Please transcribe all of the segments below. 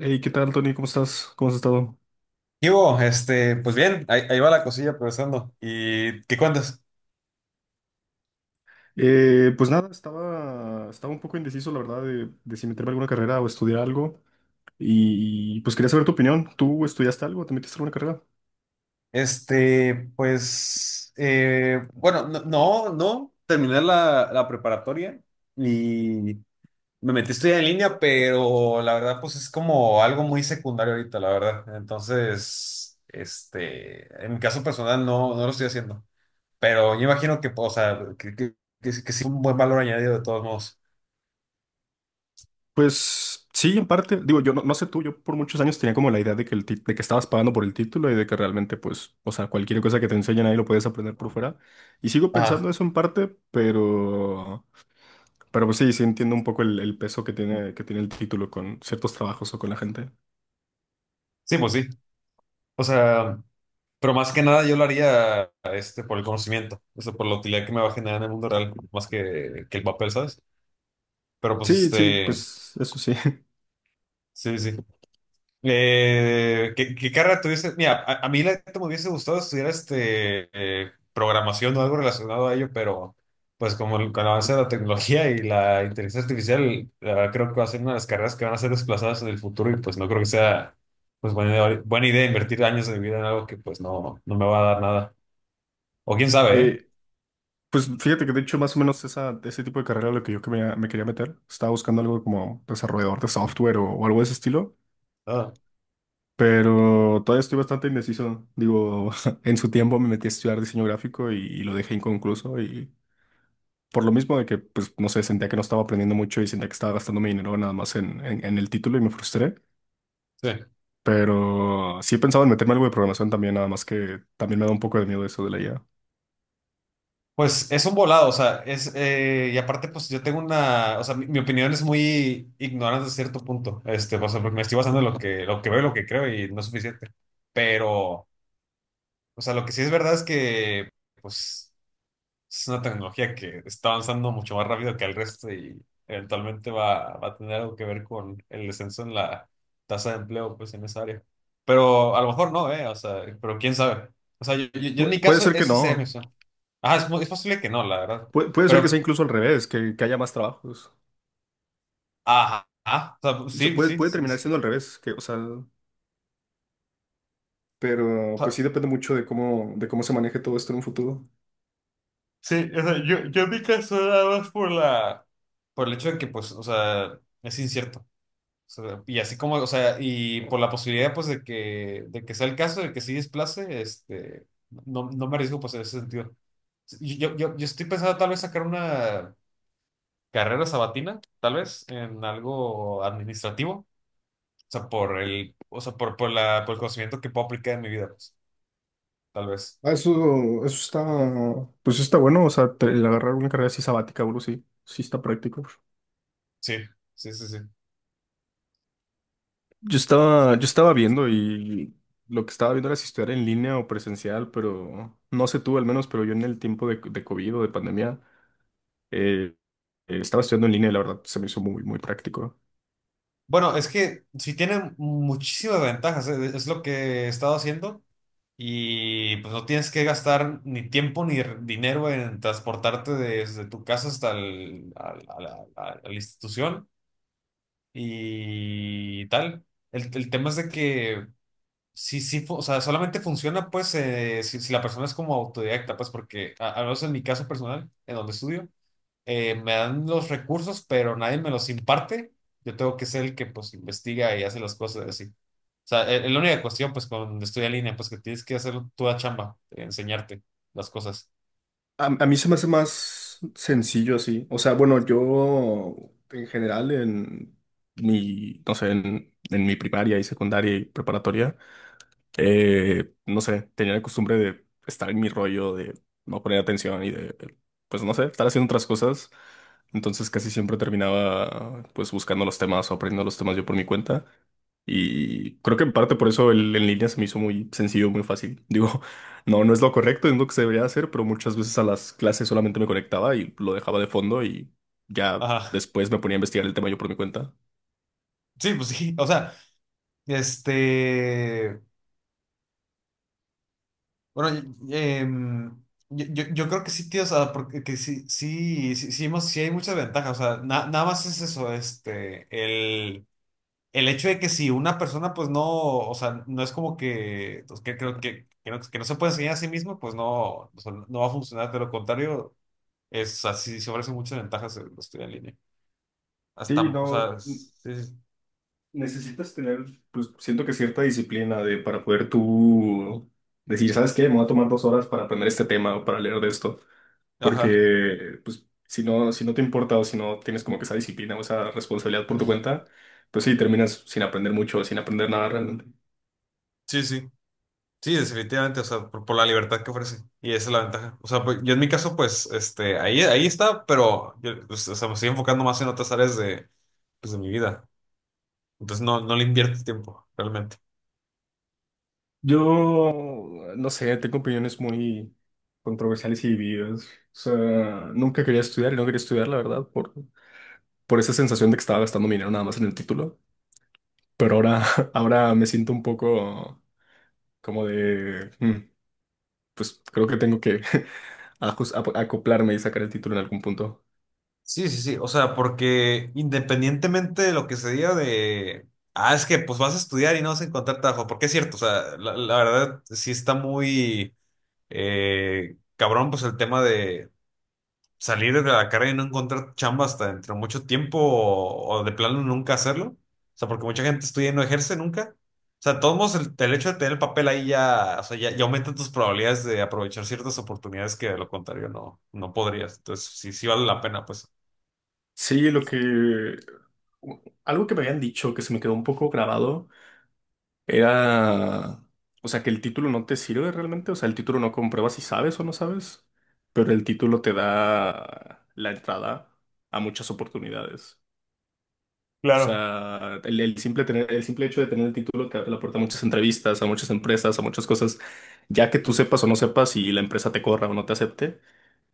Hey, ¿qué tal, Tony? ¿Cómo estás? ¿Cómo has estado? ¿Qué hubo? Pues bien, ahí va la cosilla progresando. ¿Y qué cuentas? Pues nada, estaba un poco indeciso, la verdad, de si meterme a alguna carrera o estudiar algo. Y pues quería saber tu opinión. ¿Tú estudiaste algo? ¿Te metiste a alguna carrera? Pues, bueno, no, no, no, terminé la preparatoria y me metí a estudiar en línea, pero la verdad, pues es como algo muy secundario ahorita, la verdad. Entonces, en mi caso personal no lo estoy haciendo, pero yo imagino que, pues, o sea, que sí que sí un buen valor añadido de todos modos. Pues sí, en parte. Digo, yo no sé tú, yo por muchos años tenía como la idea de que, de que estabas pagando por el título y de que realmente, pues, o sea, cualquier cosa que te enseñen ahí lo puedes aprender por fuera. Y sigo pensando Ah, eso en parte, pero pues sí, sí entiendo un poco el peso que tiene el título con ciertos trabajos o con la gente. sí, pues sí. O sea. Pero más que nada yo lo haría por el conocimiento, o sea, por la utilidad que me va a generar en el mundo real, más que el papel, ¿sabes? Pero pues Sí, sí, pues eso sí. sí, sí, sí. ¿Qué carrera tuviste? Mira, a mí la neta me hubiese gustado estudiar programación o algo relacionado a ello, pero pues como con el avance de la tecnología y la inteligencia artificial, la verdad creo que va a ser una de las carreras que van a ser desplazadas en el futuro y pues no creo que sea pues buena, buena idea invertir años de mi vida en algo que pues no me va a dar nada. O quién sabe, ¿eh? Eh, pues fíjate que de hecho más o menos esa, ese tipo de carrera era lo que yo que me quería meter. Estaba buscando algo como desarrollador de software o algo de ese estilo, No. pero todavía estoy bastante indeciso. Digo, en su tiempo me metí a estudiar diseño gráfico y lo dejé inconcluso y por lo mismo de que, pues no sé, sentía que no estaba aprendiendo mucho y sentía que estaba gastando mi dinero nada más en el título y me frustré. Sí. Pero sí he pensado en meterme algo de programación también, nada más que también me da un poco de miedo eso de la IA. Pues es un volado, o sea, y aparte, pues yo tengo una, o sea, mi opinión es muy ignorante a cierto punto, o sea, porque me estoy basando en lo que veo y lo que creo y no es suficiente, pero, o sea, lo que sí es verdad es que, pues, es una tecnología que está avanzando mucho más rápido que el resto y eventualmente va a tener algo que ver con el descenso en la tasa de empleo, pues, en esa área. Pero a lo mejor no, ¿eh? O sea, pero quién sabe. O sea, yo en Pu- mi puede caso, ser que esa sería mi no. opción. Ajá, es posible que no, la verdad. Puede, puede ser que sea Pero, incluso al revés, que haya más trabajos. ajá, ajá, o sea, O sea, sí, puede, sí, puede sí. terminar Sí, siendo al revés, que, o sea, o pero pues sea, sí depende mucho de cómo se maneje todo esto en un futuro. sí, o sea, yo en mi caso nada más por la, por el hecho de que, pues, o sea, es incierto. Sea, y así como, o sea, y por la posibilidad, pues, de que sea el caso, de que sí desplace, no me arriesgo, pues, en ese sentido. Yo estoy pensando tal vez sacar una carrera sabatina, tal vez, en algo administrativo, o sea, o sea, por el conocimiento que puedo aplicar en mi vida, pues, tal vez. Ah, eso está, pues está bueno, o sea, te- el agarrar una carrera así sabática, bro, sí, sí está práctico. Sí, sí, sí, sí. Yo estaba viendo y lo que estaba viendo era si estudiar en línea o presencial, pero no sé tú al menos, pero yo en el tiempo de COVID o de pandemia eh, estaba estudiando en línea y la verdad se me hizo muy, muy práctico. Bueno, es que sí tiene muchísimas ventajas, es lo que he estado haciendo y pues no tienes que gastar ni tiempo ni dinero en transportarte desde tu casa hasta a la institución y tal. El tema es de que o sea, solamente funciona pues si la persona es como autodidacta, pues porque al menos en mi caso personal, en donde estudio me dan los recursos, pero nadie me los imparte. Yo tengo que ser el que pues investiga y hace las cosas así. O sea, es la única cuestión pues cuando estudia en línea, pues que tienes que hacer tu chamba, enseñarte las cosas. A mí se me hace más sencillo así. O sea, bueno, yo en general en mi, no sé, en mi primaria y secundaria y preparatoria no sé, tenía la costumbre de estar en mi rollo, de no poner atención y de, pues no sé, estar haciendo otras cosas. Entonces casi siempre terminaba pues buscando los temas o aprendiendo los temas yo por mi cuenta. Y creo que en parte por eso el en línea se me hizo muy sencillo, muy fácil. Digo, no es lo correcto, es lo que se debería hacer, pero muchas veces a las clases solamente me conectaba y lo dejaba de fondo y ya Ajá. después me ponía a investigar el tema yo por mi cuenta. Sí, pues sí. O sea, este, bueno, em, yo creo que sí, tío, o sea, porque que sí, sí, sí, sí, hemos- sí hay muchas ventajas. O sea, nada más es eso, el hecho de que si una persona pues no, o sea, no es como que, pues, que creo que no se puede enseñar a sí mismo, pues no, o sea, no va a funcionar, de lo contrario, es así, se ofrecen muchas ventajas el estudiar en línea. Sí, Hasta, o no. sea, sí, sí, Necesitas tener, pues siento que cierta disciplina de, para poder tú decir, ¿sabes qué? Me voy a tomar 2 horas para aprender este tema o para leer de esto. ajá, Porque, pues, si no te importa o si no tienes como que esa disciplina o esa responsabilidad por tu cuenta, pues sí, terminas sin aprender mucho o sin aprender nada realmente. sí, sí, sí, definitivamente, o sea, por la libertad que ofrece, y esa es la ventaja. O sea, pues, yo en mi caso, pues, ahí está, pero, yo, pues, o sea, me estoy enfocando más en otras áreas de, pues, de mi vida, entonces no le invierto tiempo, realmente. Yo, no sé, tengo opiniones muy controversiales y divididas. O sea, nunca quería estudiar y no quería estudiar, la verdad, por esa sensación de que estaba gastando mi dinero nada más en el título. Pero ahora, ahora me siento un poco como de, "Mm, pues creo que tengo que ajus- ap- acoplarme y sacar el título en algún punto". Sí, sí, sí. O sea, porque independientemente de lo que se diga de, ah, es que pues vas a estudiar y no vas a encontrar trabajo, porque es cierto, o sea, la verdad sí está muy cabrón, pues el tema de salir de la carrera y no encontrar chamba hasta dentro de mucho tiempo o de plano nunca hacerlo. O sea, porque mucha gente estudia y no ejerce nunca. O sea, de todos modos, el hecho de tener el papel ahí ya, o sea, ya, ya aumenta tus probabilidades de aprovechar ciertas oportunidades que de lo contrario no podrías. Entonces, sí, sí vale la pena, pues. Sí, lo que... Algo que me habían dicho que se me quedó un poco grabado era, o sea, que el título no te sirve realmente, o sea, el título no comprueba si sabes o no sabes, pero el título te da la entrada a muchas oportunidades. O Claro. sea, el simple tener, el simple hecho de tener el título te abre la puerta a muchas entrevistas, a muchas empresas, a muchas cosas. Ya que tú sepas o no sepas y la empresa te corra o no te acepte,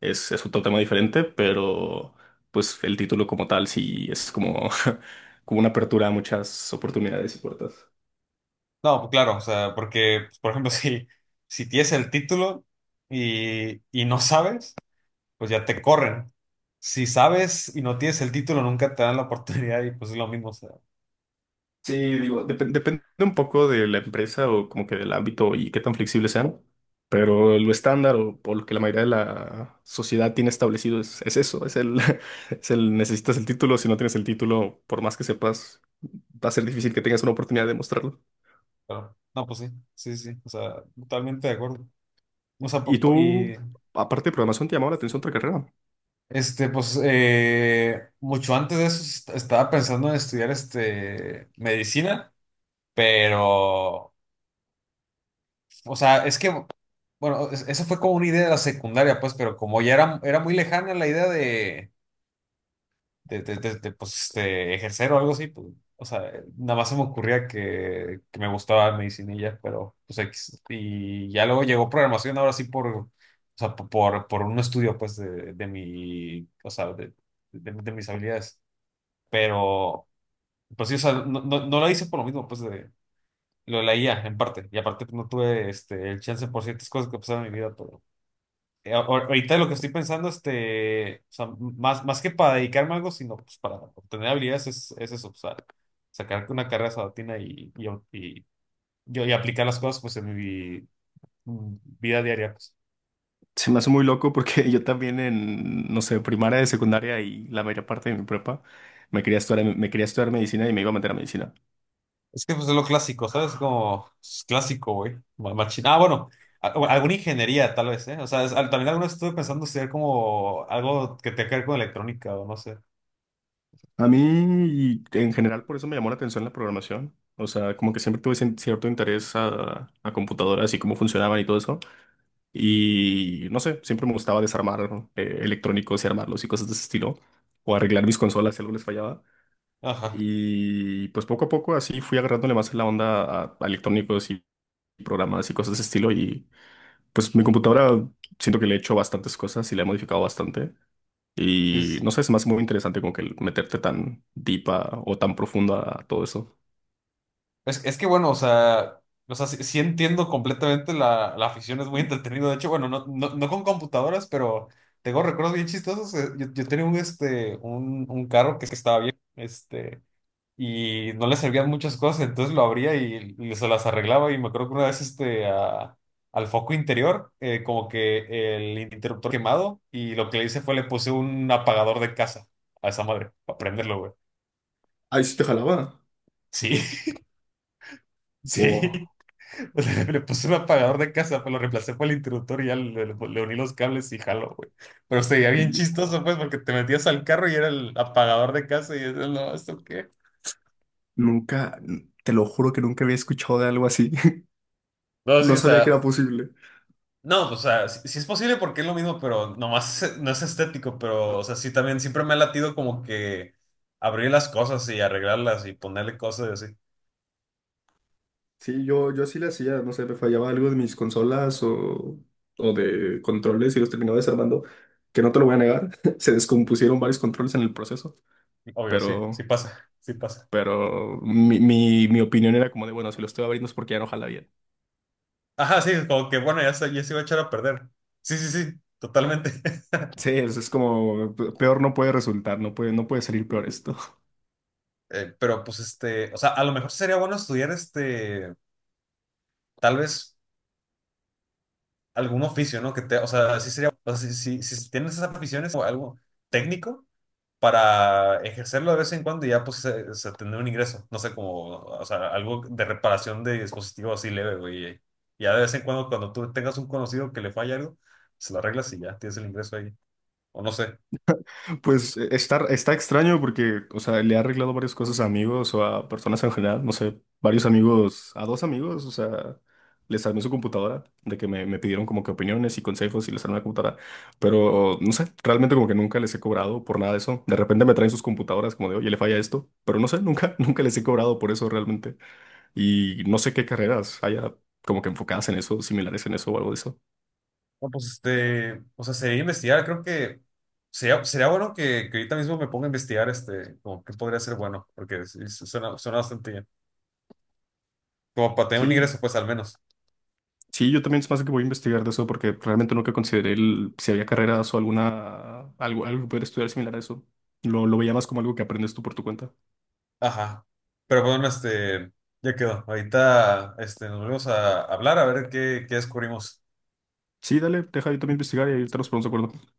es otro tema diferente, pero pues el título como tal sí es como, como una apertura a muchas oportunidades y puertas. No, pues claro, o sea, porque, pues, por ejemplo, si tienes el título y no sabes, pues ya te corren. Si sabes y no tienes el título, nunca te dan la oportunidad y pues es lo mismo, o sea, Sí, digo, depende un poco de la empresa o como que del ámbito y qué tan flexibles sean, pero lo estándar o por lo que la mayoría de la sociedad tiene establecido es eso, es el necesitas el título, si no tienes el título, por más que sepas, va a ser difícil que tengas una oportunidad de mostrarlo. pero, no, pues sí, sí, sí, o sea, totalmente de acuerdo. O sea, Y y tú, aparte de programación, te llamaba la atención otra carrera. Pues mucho antes de eso estaba pensando en estudiar medicina, pero o sea, es que, bueno, eso fue como una idea de la secundaria, pues, pero como ya era muy lejana la idea de, de, pues, de ejercer o algo así, pues, o sea, nada más se me ocurría que me gustaba medicina y ya, pero, pues, X. Y ya luego llegó programación, ahora sí por, o sea, por un estudio, pues, de mi, o sea, de mis habilidades, pero, pues sí, o sea, no, no, no la hice por lo mismo, pues, de... Lo de la IA, en parte, y aparte pues, no tuve el chance por ciertas cosas que pasaron en mi vida, pero... Ahorita lo que estoy pensando, o sea, más que para dedicarme a algo, sino pues para obtener habilidades, es eso, o sea, sacar una carrera sabatina y aplicar las cosas pues en mi vida diaria, pues. Se me hace muy loco porque yo también en, no sé, primaria, de secundaria y la mayor parte de mi prepa, me quería estudiar medicina y me iba a meter a medicina. Es que pues es lo clásico, ¿sabes? Como es clásico, güey. Machín. Ah, bueno, o alguna ingeniería tal vez, ¿eh? O sea, también alguna vez estuve pensando ser como algo que tenga que ver con electrónica o no sé. A mí, y en general, por eso me llamó la atención la programación. O sea, como que siempre tuve cierto interés a computadoras y cómo funcionaban y todo eso. Y no sé, siempre me gustaba desarmar electrónicos y armarlos y cosas de ese estilo. O arreglar mis consolas si algo les fallaba. Ajá. Y pues poco a poco así fui agarrándole más la onda a electrónicos y programas y cosas de ese estilo. Y pues mi computadora siento que le he hecho bastantes cosas y la he modificado bastante. Sí, sí, Y sí. no sé, se me hace muy interesante como que el meterte tan deep o tan profundo a todo eso. Es que bueno, o sea, sí, sí entiendo completamente la afición, es muy entretenido. De hecho, bueno, no, no, no con computadoras, pero tengo recuerdos bien chistosos. Yo tenía un, un carro que estaba bien, y no le servían muchas cosas, entonces lo abría y se las arreglaba. Y me acuerdo que una vez, al foco interior, como que el interruptor quemado, y lo que le hice fue le puse un apagador de casa a esa madre, para prenderlo, güey. Ahí sí te jalaba. Sí, Wow. sí. O sea, le puse un apagador de casa, pues lo reemplacé por el interruptor y ya le uní los cables y jaló, güey. Pero sería bien Wow. chistoso, pues, porque te metías al carro y era el apagador de casa y dices, no, ¿esto qué? Nunca, te lo juro que nunca había escuchado de algo así. No, sí, No o sabía que era sea, posible. no, o sea, sí, sí es posible porque es lo mismo, pero nomás no es estético, pero, o sea, sí también siempre me ha latido como que abrir las cosas y arreglarlas y ponerle cosas y así. Sí, yo sí le hacía, no sé, me fallaba algo de mis consolas o de controles y los terminaba desarmando, que no te lo voy a negar, se descompusieron varios controles en el proceso, Obvio, sí, sí pero, pasa, sí pasa. pero mi opinión era como de, bueno, si lo estoy abriendo es porque ya no jala bien. Ajá, sí, como que bueno, ya se iba a echar a perder. Sí, sí, sí, totalmente. Sí, es como peor no puede resultar, no puede, no puede salir peor esto. Pero pues o sea, a lo mejor sería bueno estudiar tal vez algún oficio, ¿no? Que te, o sea, sí sería, o sea, si, si tienes esas aficiones o algo técnico para ejercerlo de vez en cuando y ya pues se tendrá un ingreso, no sé, como, o sea, algo de reparación de dispositivos así leve, güey, y ya de vez en cuando, cuando tú tengas un conocido que le falla algo, se lo arreglas y ya tienes el ingreso ahí, o no sé. Pues está, está extraño porque, o sea, le ha arreglado varias cosas a amigos o a personas en general, no sé, varios amigos, a dos amigos, o sea, les armé su computadora, de que me pidieron como que opiniones y consejos y les armé la computadora, pero no sé, realmente como que nunca les he cobrado por nada de eso. De repente me traen sus computadoras como de, oye, le falla esto, pero no sé, nunca, nunca les he cobrado por eso realmente. Y no sé qué carreras haya como que enfocadas en eso, similares en eso o algo de eso. No, pues o sea, sería investigar, creo que sería bueno que, ahorita mismo me ponga a investigar como qué podría ser bueno, porque sí, suena bastante bien. Como para tener un ingreso, Sí, pues al menos. sí, yo también se me más que voy a investigar de eso porque realmente nunca consideré el- si había carreras o alguna, algo, algo que pudiera estudiar similar a eso. Lo veía más como algo que aprendes tú por tu cuenta. Ajá. Pero bueno, ya quedó. Ahorita, nos volvemos a hablar a ver qué descubrimos. Sí, dale, deja yo también investigar y ahí te los ponemos de acuerdo.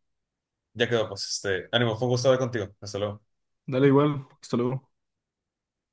Ya quedó, pues, ánimo, fue un gusto hablar contigo. Hasta luego. Dale igual, hasta luego.